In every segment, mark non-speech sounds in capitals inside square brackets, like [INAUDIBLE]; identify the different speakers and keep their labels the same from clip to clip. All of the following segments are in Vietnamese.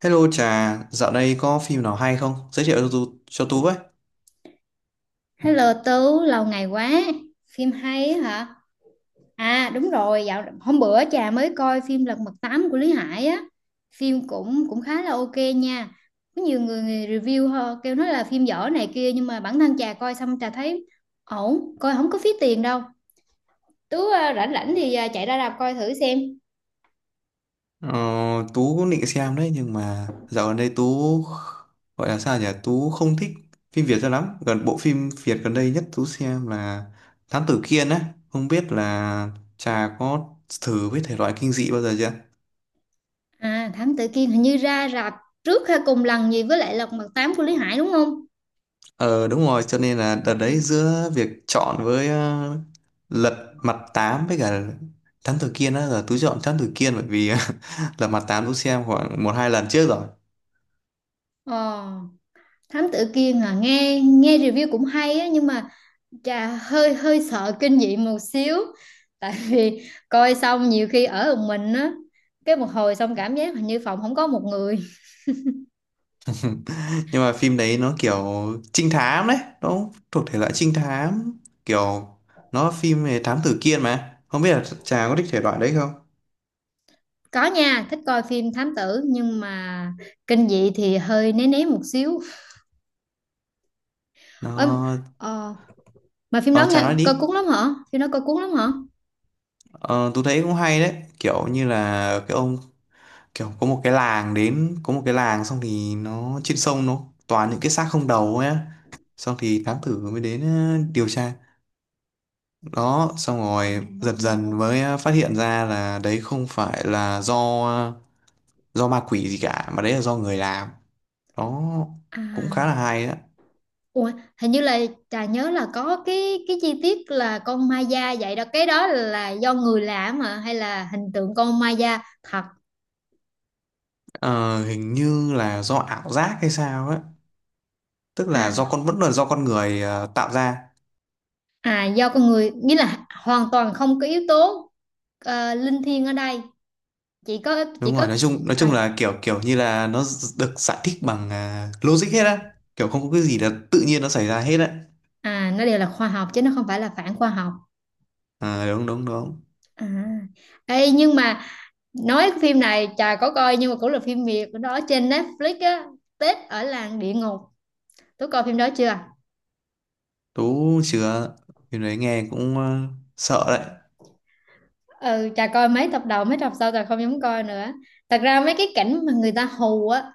Speaker 1: Hello Trà, dạo đây có phim nào hay không? Giới thiệu cho Tú với.
Speaker 2: Hello Tú, lâu ngày quá. Phim hay á hả? À đúng rồi, dạo hôm bữa trà mới coi phim Lật Mặt Tám của Lý Hải á. Phim cũng cũng khá là ok nha. Có nhiều người review họ kêu nói là phim dở này kia, nhưng mà bản thân trà coi xong trà thấy ổn, coi không có phí tiền đâu. Tú à, rảnh rảnh thì chạy ra rạp coi thử xem.
Speaker 1: Ờ, Tú cũng định xem đấy nhưng mà dạo gần đây Tú gọi là sao nhỉ? Tú không thích phim Việt cho lắm. Gần bộ phim Việt gần đây nhất Tú xem là Thám Tử Kiên á. Không biết là Trà có thử với thể loại kinh dị bao giờ chưa?
Speaker 2: À Thám Tử Kiên hình như ra rạp trước hay cùng lần gì với lại Lật Mặt Tám của Lý Hải đúng không?
Speaker 1: Ờ đúng rồi, cho nên là đợt đấy giữa việc chọn với Lật Mặt Tám với cả Thám Tử Kiên á, là Tú chọn Thám Tử Kiên bởi vì [LAUGHS] Lật Mặt Tám Tú xem khoảng một hai lần trước rồi.
Speaker 2: Ờ, Thám Tử Kiên à, nghe nghe review cũng hay á, nhưng mà chà, hơi hơi sợ kinh dị một xíu, tại vì coi xong nhiều khi ở một mình á, cái một hồi xong cảm giác hình như phòng không có một người.
Speaker 1: Nhưng mà phim đấy nó kiểu trinh thám đấy, nó thuộc thể loại trinh thám, kiểu nó phim về thám tử Kiên, mà không biết là chàng có thích thể loại đấy không?
Speaker 2: Có nha, thích coi phim thám tử nhưng mà kinh dị thì hơi né né một xíu. Ơ,
Speaker 1: nó
Speaker 2: ờ, mà phim
Speaker 1: ờ
Speaker 2: đó
Speaker 1: chàng
Speaker 2: nghe,
Speaker 1: nói
Speaker 2: coi
Speaker 1: đi.
Speaker 2: cuốn lắm hả? Phim đó coi cuốn lắm hả?
Speaker 1: Ờ tôi thấy cũng hay đấy, kiểu như là cái ông kiểu có một cái làng, xong thì nó trên sông nó toàn những cái xác không đầu ấy á. Xong thì thám tử mới đến điều tra đó, xong rồi dần dần mới phát hiện ra là đấy không phải là do ma quỷ gì cả, mà đấy là do người làm đó. Cũng khá là
Speaker 2: À
Speaker 1: hay đó.
Speaker 2: ủa, hình như là trà nhớ là có cái chi tiết là con ma da vậy đó, cái đó là do người làm mà, hay là hình tượng con ma da thật?
Speaker 1: Ờ, hình như là do ảo giác hay sao ấy, tức là
Speaker 2: À
Speaker 1: do con vẫn là do con người tạo ra.
Speaker 2: À, do con người, nghĩa là hoàn toàn không có yếu tố linh thiêng ở đây, chỉ có chỉ
Speaker 1: Đúng
Speaker 2: có
Speaker 1: rồi, nói chung nói
Speaker 2: à,
Speaker 1: chung là kiểu kiểu như là nó được giải thích bằng logic hết á, kiểu không có cái gì là tự nhiên nó xảy ra hết á.
Speaker 2: à, nó đều là khoa học chứ nó không phải là phản khoa học.
Speaker 1: Ờ, đúng đúng đúng.
Speaker 2: À ê, nhưng mà nói cái phim này chà có coi, nhưng mà cũng là phim Việt đó, trên Netflix á, Tết ở làng địa ngục, tôi coi phim đó chưa?
Speaker 1: Tú chưa. Cái đấy nghe cũng sợ đấy.
Speaker 2: Ừ chà, coi mấy tập đầu, mấy tập sau chà không dám coi nữa. Thật ra mấy cái cảnh mà người ta hù á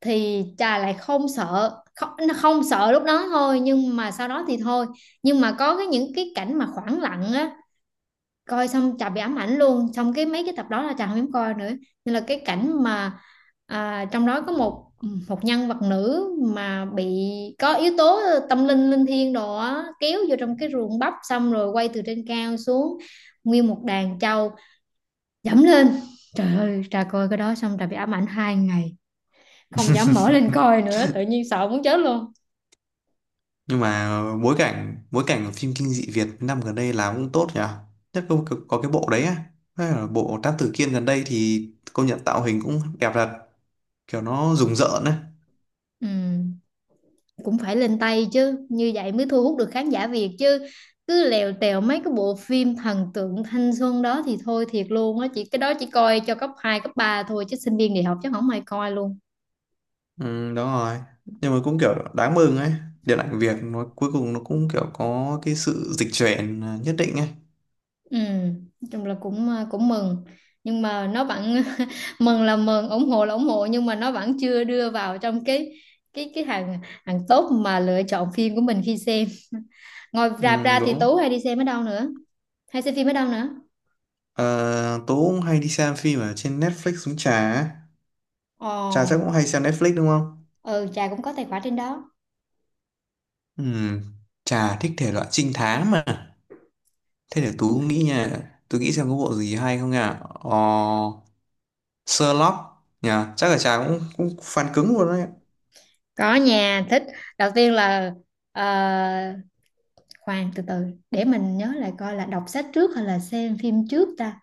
Speaker 2: thì trà lại không sợ, không, nó không sợ lúc đó thôi nhưng mà sau đó thì thôi. Nhưng mà có cái, những cái cảnh mà khoảng lặng á, coi xong trà bị ám ảnh luôn, xong cái mấy cái tập đó là trà không dám coi nữa. Nên là cái cảnh mà à, trong đó có một một nhân vật nữ mà bị có yếu tố tâm linh linh thiêng đồ á, kéo vô trong cái ruộng bắp, xong rồi quay từ trên cao xuống, nguyên một đàn trâu dẫm lên. Trời ơi, trà coi cái đó xong trà bị ám ảnh hai ngày, không dám mở lên coi
Speaker 1: [LAUGHS]
Speaker 2: nữa, tự nhiên sợ muốn chết luôn.
Speaker 1: Nhưng mà bối cảnh của phim kinh dị Việt năm gần đây làm cũng tốt nhỉ. Nhất có cái bộ đấy á, hay là bộ Thám Tử Kiên gần đây thì công nhận tạo hình cũng đẹp thật, kiểu nó rùng rợn ấy.
Speaker 2: Ừ, cũng phải lên tay chứ, như vậy mới thu hút được khán giả Việt chứ, cứ lèo tèo mấy cái bộ phim thần tượng thanh xuân đó thì thôi thiệt luôn á, chỉ cái đó chỉ coi cho cấp 2 cấp 3 thôi chứ sinh viên đại học chắc không ai coi luôn.
Speaker 1: Ừ, đúng rồi. Nhưng mà cũng kiểu đáng mừng ấy, điện ảnh Việt nó cuối cùng nó cũng kiểu có cái sự dịch chuyển nhất định ấy.
Speaker 2: Ừ, nói chung là cũng cũng mừng, nhưng mà nó vẫn [LAUGHS] mừng là mừng, ủng hộ là ủng hộ, nhưng mà nó vẫn chưa đưa vào trong cái hàng hàng top mà lựa chọn phim của mình khi xem. [LAUGHS] Ngoài rạp
Speaker 1: Ừ,
Speaker 2: ra thì Tú
Speaker 1: đúng.
Speaker 2: hay đi xem ở đâu nữa, hay xem phim ở đâu nữa?
Speaker 1: Ờ, Tố cũng hay đi xem phim ở trên Netflix uống trà ấy. Trà chắc cũng
Speaker 2: Ồ,
Speaker 1: hay xem Netflix đúng không?
Speaker 2: ừ, Trà cũng có tài khoản trên đó.
Speaker 1: Ừ, Trà thích thể loại trinh thám mà. Thế để Tú nghĩ nha, Tú nghĩ xem có bộ gì hay không nha. Ờ, Sherlock nha, chắc là chàng cũng cũng fan cứng luôn đấy.
Speaker 2: Có nhà thích. Đầu tiên là ờ, khoan từ từ, để mình nhớ lại coi là đọc sách trước hay là xem phim trước ta.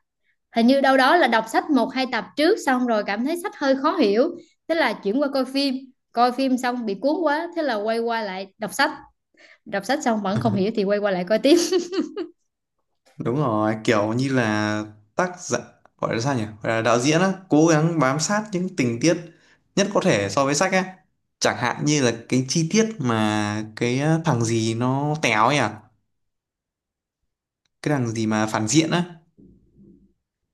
Speaker 2: Hình như đâu đó là đọc sách một hai tập trước, xong rồi cảm thấy sách hơi khó hiểu, thế là chuyển qua coi phim. Coi phim xong bị cuốn quá, thế là quay qua lại đọc sách, đọc sách xong vẫn không hiểu thì quay qua lại coi tiếp.
Speaker 1: Đúng rồi, kiểu như là tác giả gọi là sao nhỉ? Gọi là đạo diễn á, cố gắng bám sát những tình tiết nhất có thể so với sách á. Chẳng hạn như là cái chi tiết mà cái thằng gì nó téo nhỉ? Cái thằng gì mà phản diện á.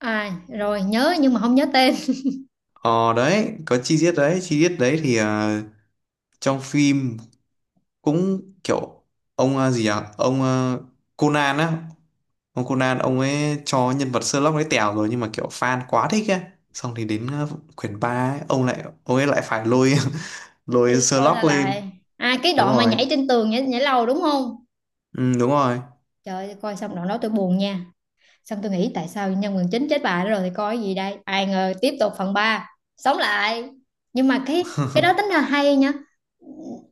Speaker 2: À rồi nhớ, nhưng mà không nhớ tên.
Speaker 1: Ờ đấy, có chi tiết đấy thì trong phim cũng kiểu ông gì à? Ông Conan á, ông Conan ông ấy cho nhân vật Sherlock ấy tèo rồi nhưng mà kiểu fan quá thích ấy, xong thì đến quyển 3 ấy, ông ấy lại phải lôi [LAUGHS] lôi
Speaker 2: Rồi là
Speaker 1: Sherlock lên.
Speaker 2: lại, à cái
Speaker 1: Đúng
Speaker 2: đoạn mà
Speaker 1: rồi,
Speaker 2: nhảy trên tường, nhảy lầu đúng không?
Speaker 1: ừ, đúng rồi.
Speaker 2: Trời ơi, coi xong đoạn đó tôi buồn nha, xong tôi nghĩ tại sao nhân vật chính chết bà đó rồi thì coi cái gì đây, ai ngờ tiếp tục phần 3 sống lại. Nhưng mà cái đó
Speaker 1: [LAUGHS]
Speaker 2: tính là hay nha.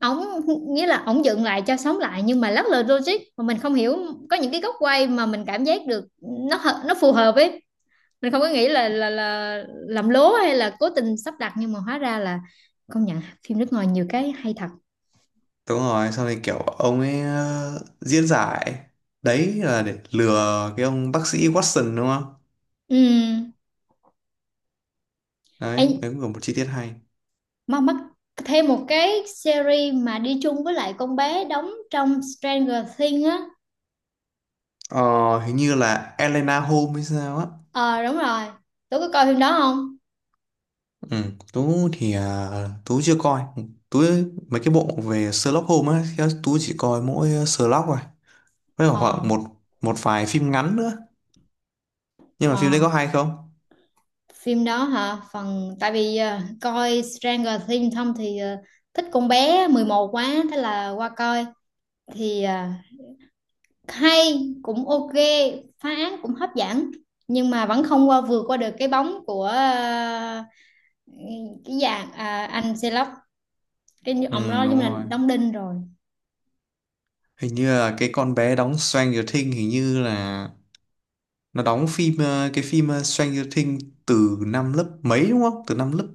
Speaker 2: Ổng, nghĩa là ổng dựng lại cho sống lại nhưng mà lắc lư logic mà mình không hiểu. Có những cái góc quay mà mình cảm giác được nó nó phù hợp ấy. Mình không có nghĩ là là làm lố hay là cố tình sắp đặt, nhưng mà hóa ra là, công nhận phim nước ngoài nhiều cái hay thật.
Speaker 1: Đúng rồi, xong thì kiểu ông ấy diễn giải đấy là để lừa cái ông bác sĩ Watson đúng không?
Speaker 2: Ừ.
Speaker 1: Đấy
Speaker 2: Em,
Speaker 1: đấy cũng là một chi tiết hay.
Speaker 2: mà mắc thêm một cái series mà đi chung với lại con bé đóng trong Stranger Things á.
Speaker 1: Ờ, hình như là Elena Holmes hay sao á.
Speaker 2: Ờ đúng rồi, tôi có coi phim đó không?
Speaker 1: Ừ, Tú thì Tú chưa coi. Tú mấy cái bộ về Sherlock Holmes á thì Tú chỉ coi mỗi Sherlock rồi, với cả khoảng
Speaker 2: Ờ,
Speaker 1: một một vài phim ngắn nữa. Nhưng mà phim đấy
Speaker 2: ờ
Speaker 1: có hay không?
Speaker 2: phim đó hả? Phần tại vì coi Stranger Things xong thì thích con bé 11 quá, thế là qua coi. Thì hay cũng ok, phá án cũng hấp dẫn, nhưng mà vẫn không qua vượt qua được cái bóng của cái dạng anh Sherlock, cái
Speaker 1: Ừ,
Speaker 2: ông đó
Speaker 1: đúng
Speaker 2: giống như là
Speaker 1: rồi,
Speaker 2: đóng đinh rồi.
Speaker 1: hình như là cái con bé đóng Stranger Things hình như là nó đóng phim Stranger Things từ năm lớp mấy đúng không? Từ năm lớp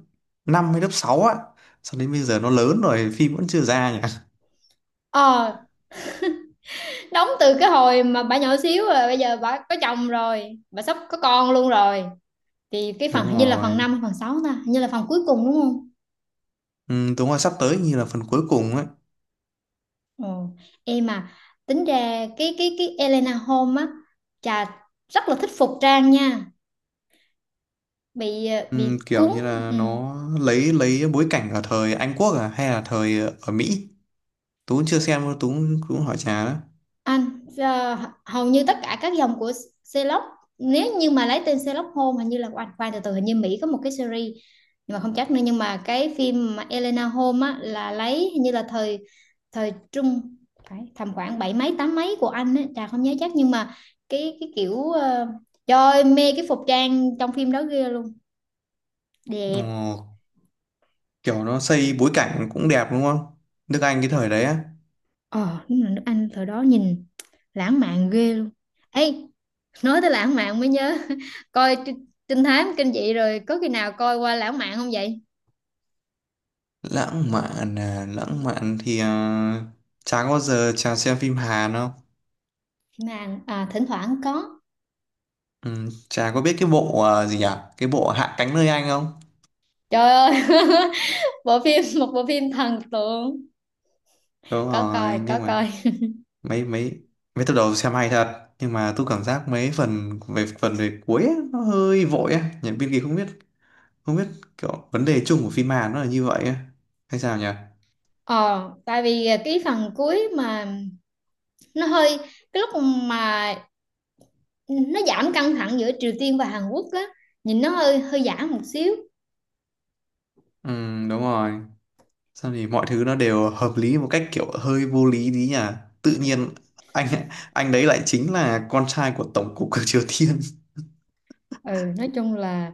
Speaker 1: 5 hay lớp 6 á. Sau đến bây giờ nó lớn rồi phim vẫn chưa ra nhỉ?
Speaker 2: Ờ, đóng từ cái hồi mà bà nhỏ xíu, rồi bây giờ bà có chồng rồi, bà sắp có con luôn rồi. Thì cái
Speaker 1: Đúng
Speaker 2: phần hình như là phần
Speaker 1: rồi,
Speaker 2: 5 hay phần 6 ta, hình như là phần cuối cùng đúng không?
Speaker 1: ừ, đúng rồi, sắp tới như là phần cuối cùng ấy.
Speaker 2: Ồ, em mà tính ra cái Elena Holmes á, chà rất là thích phục trang nha, bị bị
Speaker 1: Kiểu
Speaker 2: cuốn.
Speaker 1: như là
Speaker 2: Ừ.
Speaker 1: nó lấy bối cảnh ở thời Anh Quốc à hay là thời ở Mỹ? Tú cũng chưa xem đâu, Tú cũng hỏi Trà đó.
Speaker 2: Anh hầu như tất cả các dòng của Sherlock, nếu như mà lấy tên Sherlock Holmes hình như là anh, khoan từ từ, hình như Mỹ có một cái series nhưng mà không chắc nữa. Nhưng mà cái phim mà Elena Holmes á là lấy hình như là thời, thời trung, phải tầm khoảng bảy mấy tám mấy của anh ấy, Trà không nhớ chắc, nhưng mà cái kiểu trời ơi, mê cái phục trang trong phim đó ghê luôn,
Speaker 1: Ồ,
Speaker 2: đẹp.
Speaker 1: kiểu nó xây bối cảnh cũng đẹp đúng không? Nước Anh cái thời đấy á.
Speaker 2: Ờ, đúng là nước Anh thời đó nhìn lãng mạn ghê luôn. Ê, nói tới lãng mạn mới nhớ, [LAUGHS] coi trinh trinh thám kinh dị rồi có khi nào coi qua lãng mạn không vậy?
Speaker 1: Lãng mạn à, lãng mạn thì Trà có bao giờ Trà xem phim Hàn không?
Speaker 2: Mà thỉnh thoảng có.
Speaker 1: Trà có biết cái bộ gì nhỉ, cái bộ Hạ cánh nơi Anh không?
Speaker 2: Trời ơi, [LAUGHS] bộ phim, một bộ phim thần tượng.
Speaker 1: Đúng
Speaker 2: Có coi,
Speaker 1: rồi,
Speaker 2: có
Speaker 1: nhưng
Speaker 2: coi.
Speaker 1: mà mấy mấy mấy tập đầu xem hay thật nhưng mà tôi cảm giác mấy phần về cuối á, nó hơi vội á, nhà biên kịch không biết kiểu vấn đề chung của phim Hàn nó là như vậy ấy. Hay sao nhỉ?
Speaker 2: Ờ, tại vì cái phần cuối mà nó hơi, cái lúc mà nó giảm căng thẳng giữa Triều Tiên và Hàn Quốc á, nhìn nó hơi hơi giả một xíu.
Speaker 1: Ừ, đúng rồi, sao thì mọi thứ nó đều hợp lý một cách kiểu hơi vô lý tí nhỉ, tự nhiên anh anh đấy lại chính là con trai của tổng cục của Triều Tiên.
Speaker 2: Ừ, nói chung là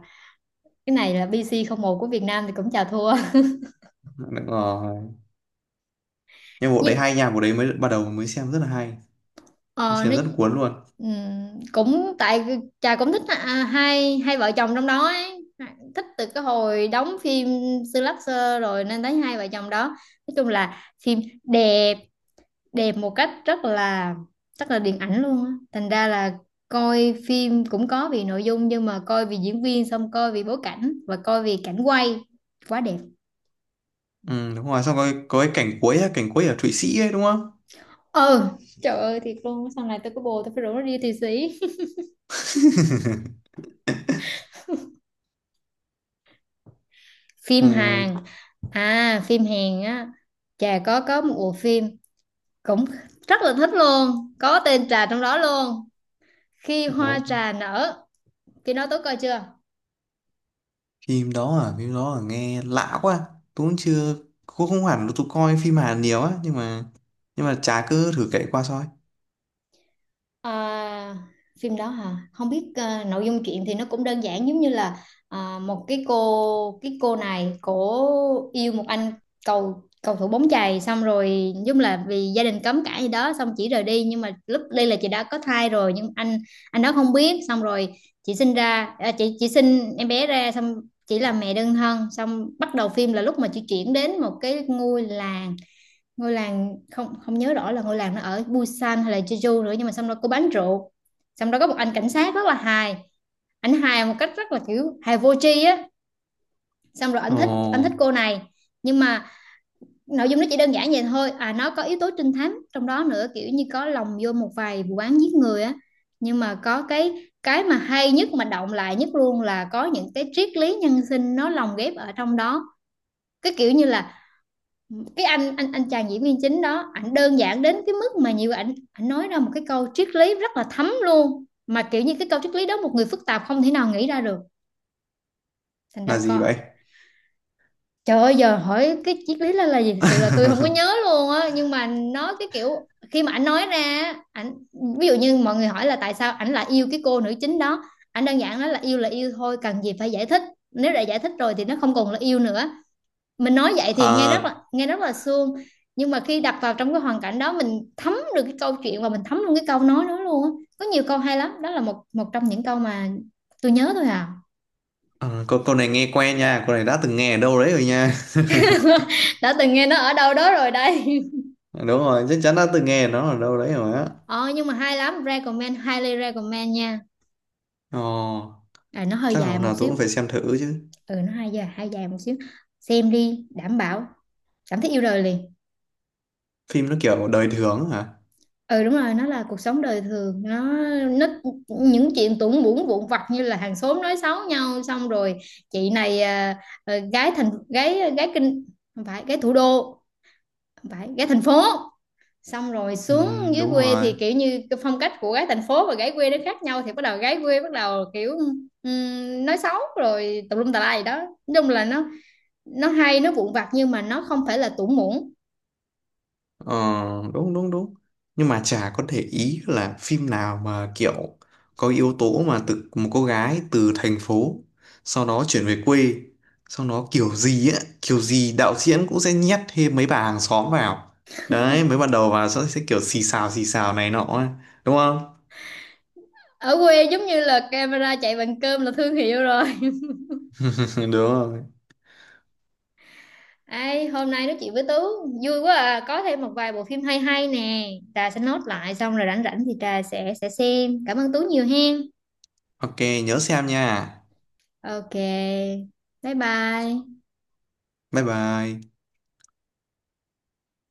Speaker 2: cái này là BC một của Việt Nam thì cũng chà thua.
Speaker 1: [LAUGHS] Đúng rồi, nhưng
Speaker 2: [LAUGHS]
Speaker 1: bộ đấy
Speaker 2: Nhưng
Speaker 1: hay nha, bộ đấy mới bắt đầu mới xem rất là hay, mới
Speaker 2: ờ, nó,
Speaker 1: xem rất cuốn luôn.
Speaker 2: cũng tại chà cũng thích hai hai vợ chồng trong đó ấy, thích từ cái hồi đóng phim Slasher rồi, nên thấy hai vợ chồng đó nói chung là phim đẹp, đẹp một cách rất là, rất là điện ảnh luôn á, thành ra là coi phim cũng có vì nội dung, nhưng mà coi vì diễn viên, xong coi vì bối cảnh, và coi vì cảnh quay quá đẹp.
Speaker 1: Ừ, đúng rồi, xong có cái cảnh cuối á, cảnh cuối ở Thụy Sĩ ấy đúng không?
Speaker 2: Ừ, trời ơi thiệt luôn, sau này tôi có bồ tôi phải rủ nó đi Thụy Sĩ. [LAUGHS] Phim Hàn, à phim Hàn á, trà có một bộ phim cũng rất là thích luôn, có tên trà trong đó luôn: Khi Hoa
Speaker 1: Ừ,
Speaker 2: Trà Nở. Khi đó tôi coi chưa?
Speaker 1: phim đó à? Phim đó à? Nghe lạ quá, tôi cũng chưa, cũng không hẳn là tôi coi phim Hàn nhiều á, nhưng mà chả cứ thử kể qua thôi.
Speaker 2: À, phim đó hả? Không biết à, nội dung chuyện thì nó cũng đơn giản, giống như là một cái cô, cái cô này cổ yêu một anh cầu cầu thủ bóng chày, xong rồi giống là vì gia đình cấm cãi gì đó, xong chỉ rời đi nhưng mà lúc đi là chị đã có thai rồi, nhưng anh đó không biết. Xong rồi chị sinh ra, à, chị sinh em bé ra, xong chỉ là mẹ đơn thân. Xong bắt đầu phim là lúc mà chị chuyển đến một cái ngôi làng, ngôi làng không không nhớ rõ là ngôi làng nó ở Busan hay là Jeju nữa. Nhưng mà xong đó có bán rượu, xong đó có một anh cảnh sát rất là hài, anh hài một cách rất là kiểu hài vô tri á, xong rồi anh thích, anh thích
Speaker 1: Ồ,
Speaker 2: cô này, nhưng mà nội dung nó chỉ đơn giản vậy thôi à, nó có yếu tố trinh thám trong đó nữa, kiểu như có lồng vô một vài vụ án giết người á. Nhưng mà có cái mà hay nhất mà động lại nhất luôn là có những cái triết lý nhân sinh nó lồng ghép ở trong đó. Cái kiểu như là cái anh, anh chàng diễn viên chính đó, ảnh đơn giản đến cái mức mà nhiều ảnh ảnh nói ra một cái câu triết lý rất là thấm luôn, mà kiểu như cái câu triết lý đó một người phức tạp không thể nào nghĩ ra được. Thành
Speaker 1: là
Speaker 2: ra
Speaker 1: gì
Speaker 2: con,
Speaker 1: vậy?
Speaker 2: trời ơi, giờ hỏi cái triết lý là gì thực sự là tôi không
Speaker 1: [LAUGHS]
Speaker 2: có nhớ luôn á, nhưng mà nó cái kiểu khi mà ảnh nói ra, ảnh ví dụ như mọi người hỏi là tại sao ảnh lại yêu cái cô nữ chính đó, ảnh đơn giản nói là yêu thôi, cần gì phải giải thích, nếu đã giải thích rồi thì nó không còn là yêu nữa. Mình nói vậy thì nghe rất là,
Speaker 1: à,
Speaker 2: nghe rất là suông, nhưng mà khi đặt vào trong cái hoàn cảnh đó mình thấm được cái câu chuyện và mình thấm luôn cái câu nói đó luôn á. Có nhiều câu hay lắm, đó là một, một trong những câu mà tôi nhớ thôi à.
Speaker 1: câu này nghe quen nha, câu này đã từng nghe ở đâu đấy rồi nha.
Speaker 2: [LAUGHS] Đã từng nghe nó ở đâu đó rồi đây.
Speaker 1: [LAUGHS] Đúng rồi, chắc chắn đã từng nghe nó ở đâu đấy rồi á.
Speaker 2: [LAUGHS] Ờ, nhưng mà hay lắm, recommend, highly recommend nha.
Speaker 1: Ồ.
Speaker 2: À, nó hơi
Speaker 1: Chắc là
Speaker 2: dài
Speaker 1: hôm
Speaker 2: một
Speaker 1: nào tôi
Speaker 2: xíu.
Speaker 1: cũng phải xem thử chứ.
Speaker 2: Ừ, nó hơi dài, hơi dài một xíu. Xem đi đảm bảo cảm thấy yêu đời liền.
Speaker 1: Phim nó kiểu đời thường hả?
Speaker 2: Ừ đúng rồi, nó là cuộc sống đời thường, nó những chuyện tủng bủn vụn vặt như là hàng xóm nói xấu nhau, xong rồi chị này à, à, gái thành, gái gái kinh, không phải gái thủ đô, không phải gái thành phố, xong rồi
Speaker 1: Ừ,
Speaker 2: xuống dưới
Speaker 1: đúng
Speaker 2: quê
Speaker 1: rồi.
Speaker 2: thì kiểu như cái phong cách của gái thành phố và gái quê nó khác nhau, thì bắt đầu gái quê bắt đầu kiểu nói xấu rồi tùm lum tà lai gì đó. Nói chung là nó hay, nó vụn vặt nhưng mà nó không phải là tủng bủn.
Speaker 1: Ờ, đúng đúng đúng, nhưng mà chả có để ý là phim nào mà kiểu có yếu tố mà từ một cô gái từ thành phố sau đó chuyển về quê, sau đó kiểu gì á kiểu gì đạo diễn cũng sẽ nhét thêm mấy bà hàng xóm vào, đấy mới ban đầu vào sẽ kiểu xì xào này nọ ấy. Đúng không?
Speaker 2: Ở quê giống như là camera chạy bằng cơm là thương hiệu rồi.
Speaker 1: [LAUGHS] Đúng rồi,
Speaker 2: Ê, hôm nay nói chuyện với Tú vui quá à, có thêm một vài bộ phim hay hay nè, Trà sẽ nốt lại, xong rồi rảnh rảnh thì Trà sẽ xem. Cảm ơn Tú nhiều hen.
Speaker 1: ok, nhớ xem nha,
Speaker 2: Ok. Bye bye.
Speaker 1: bye bye.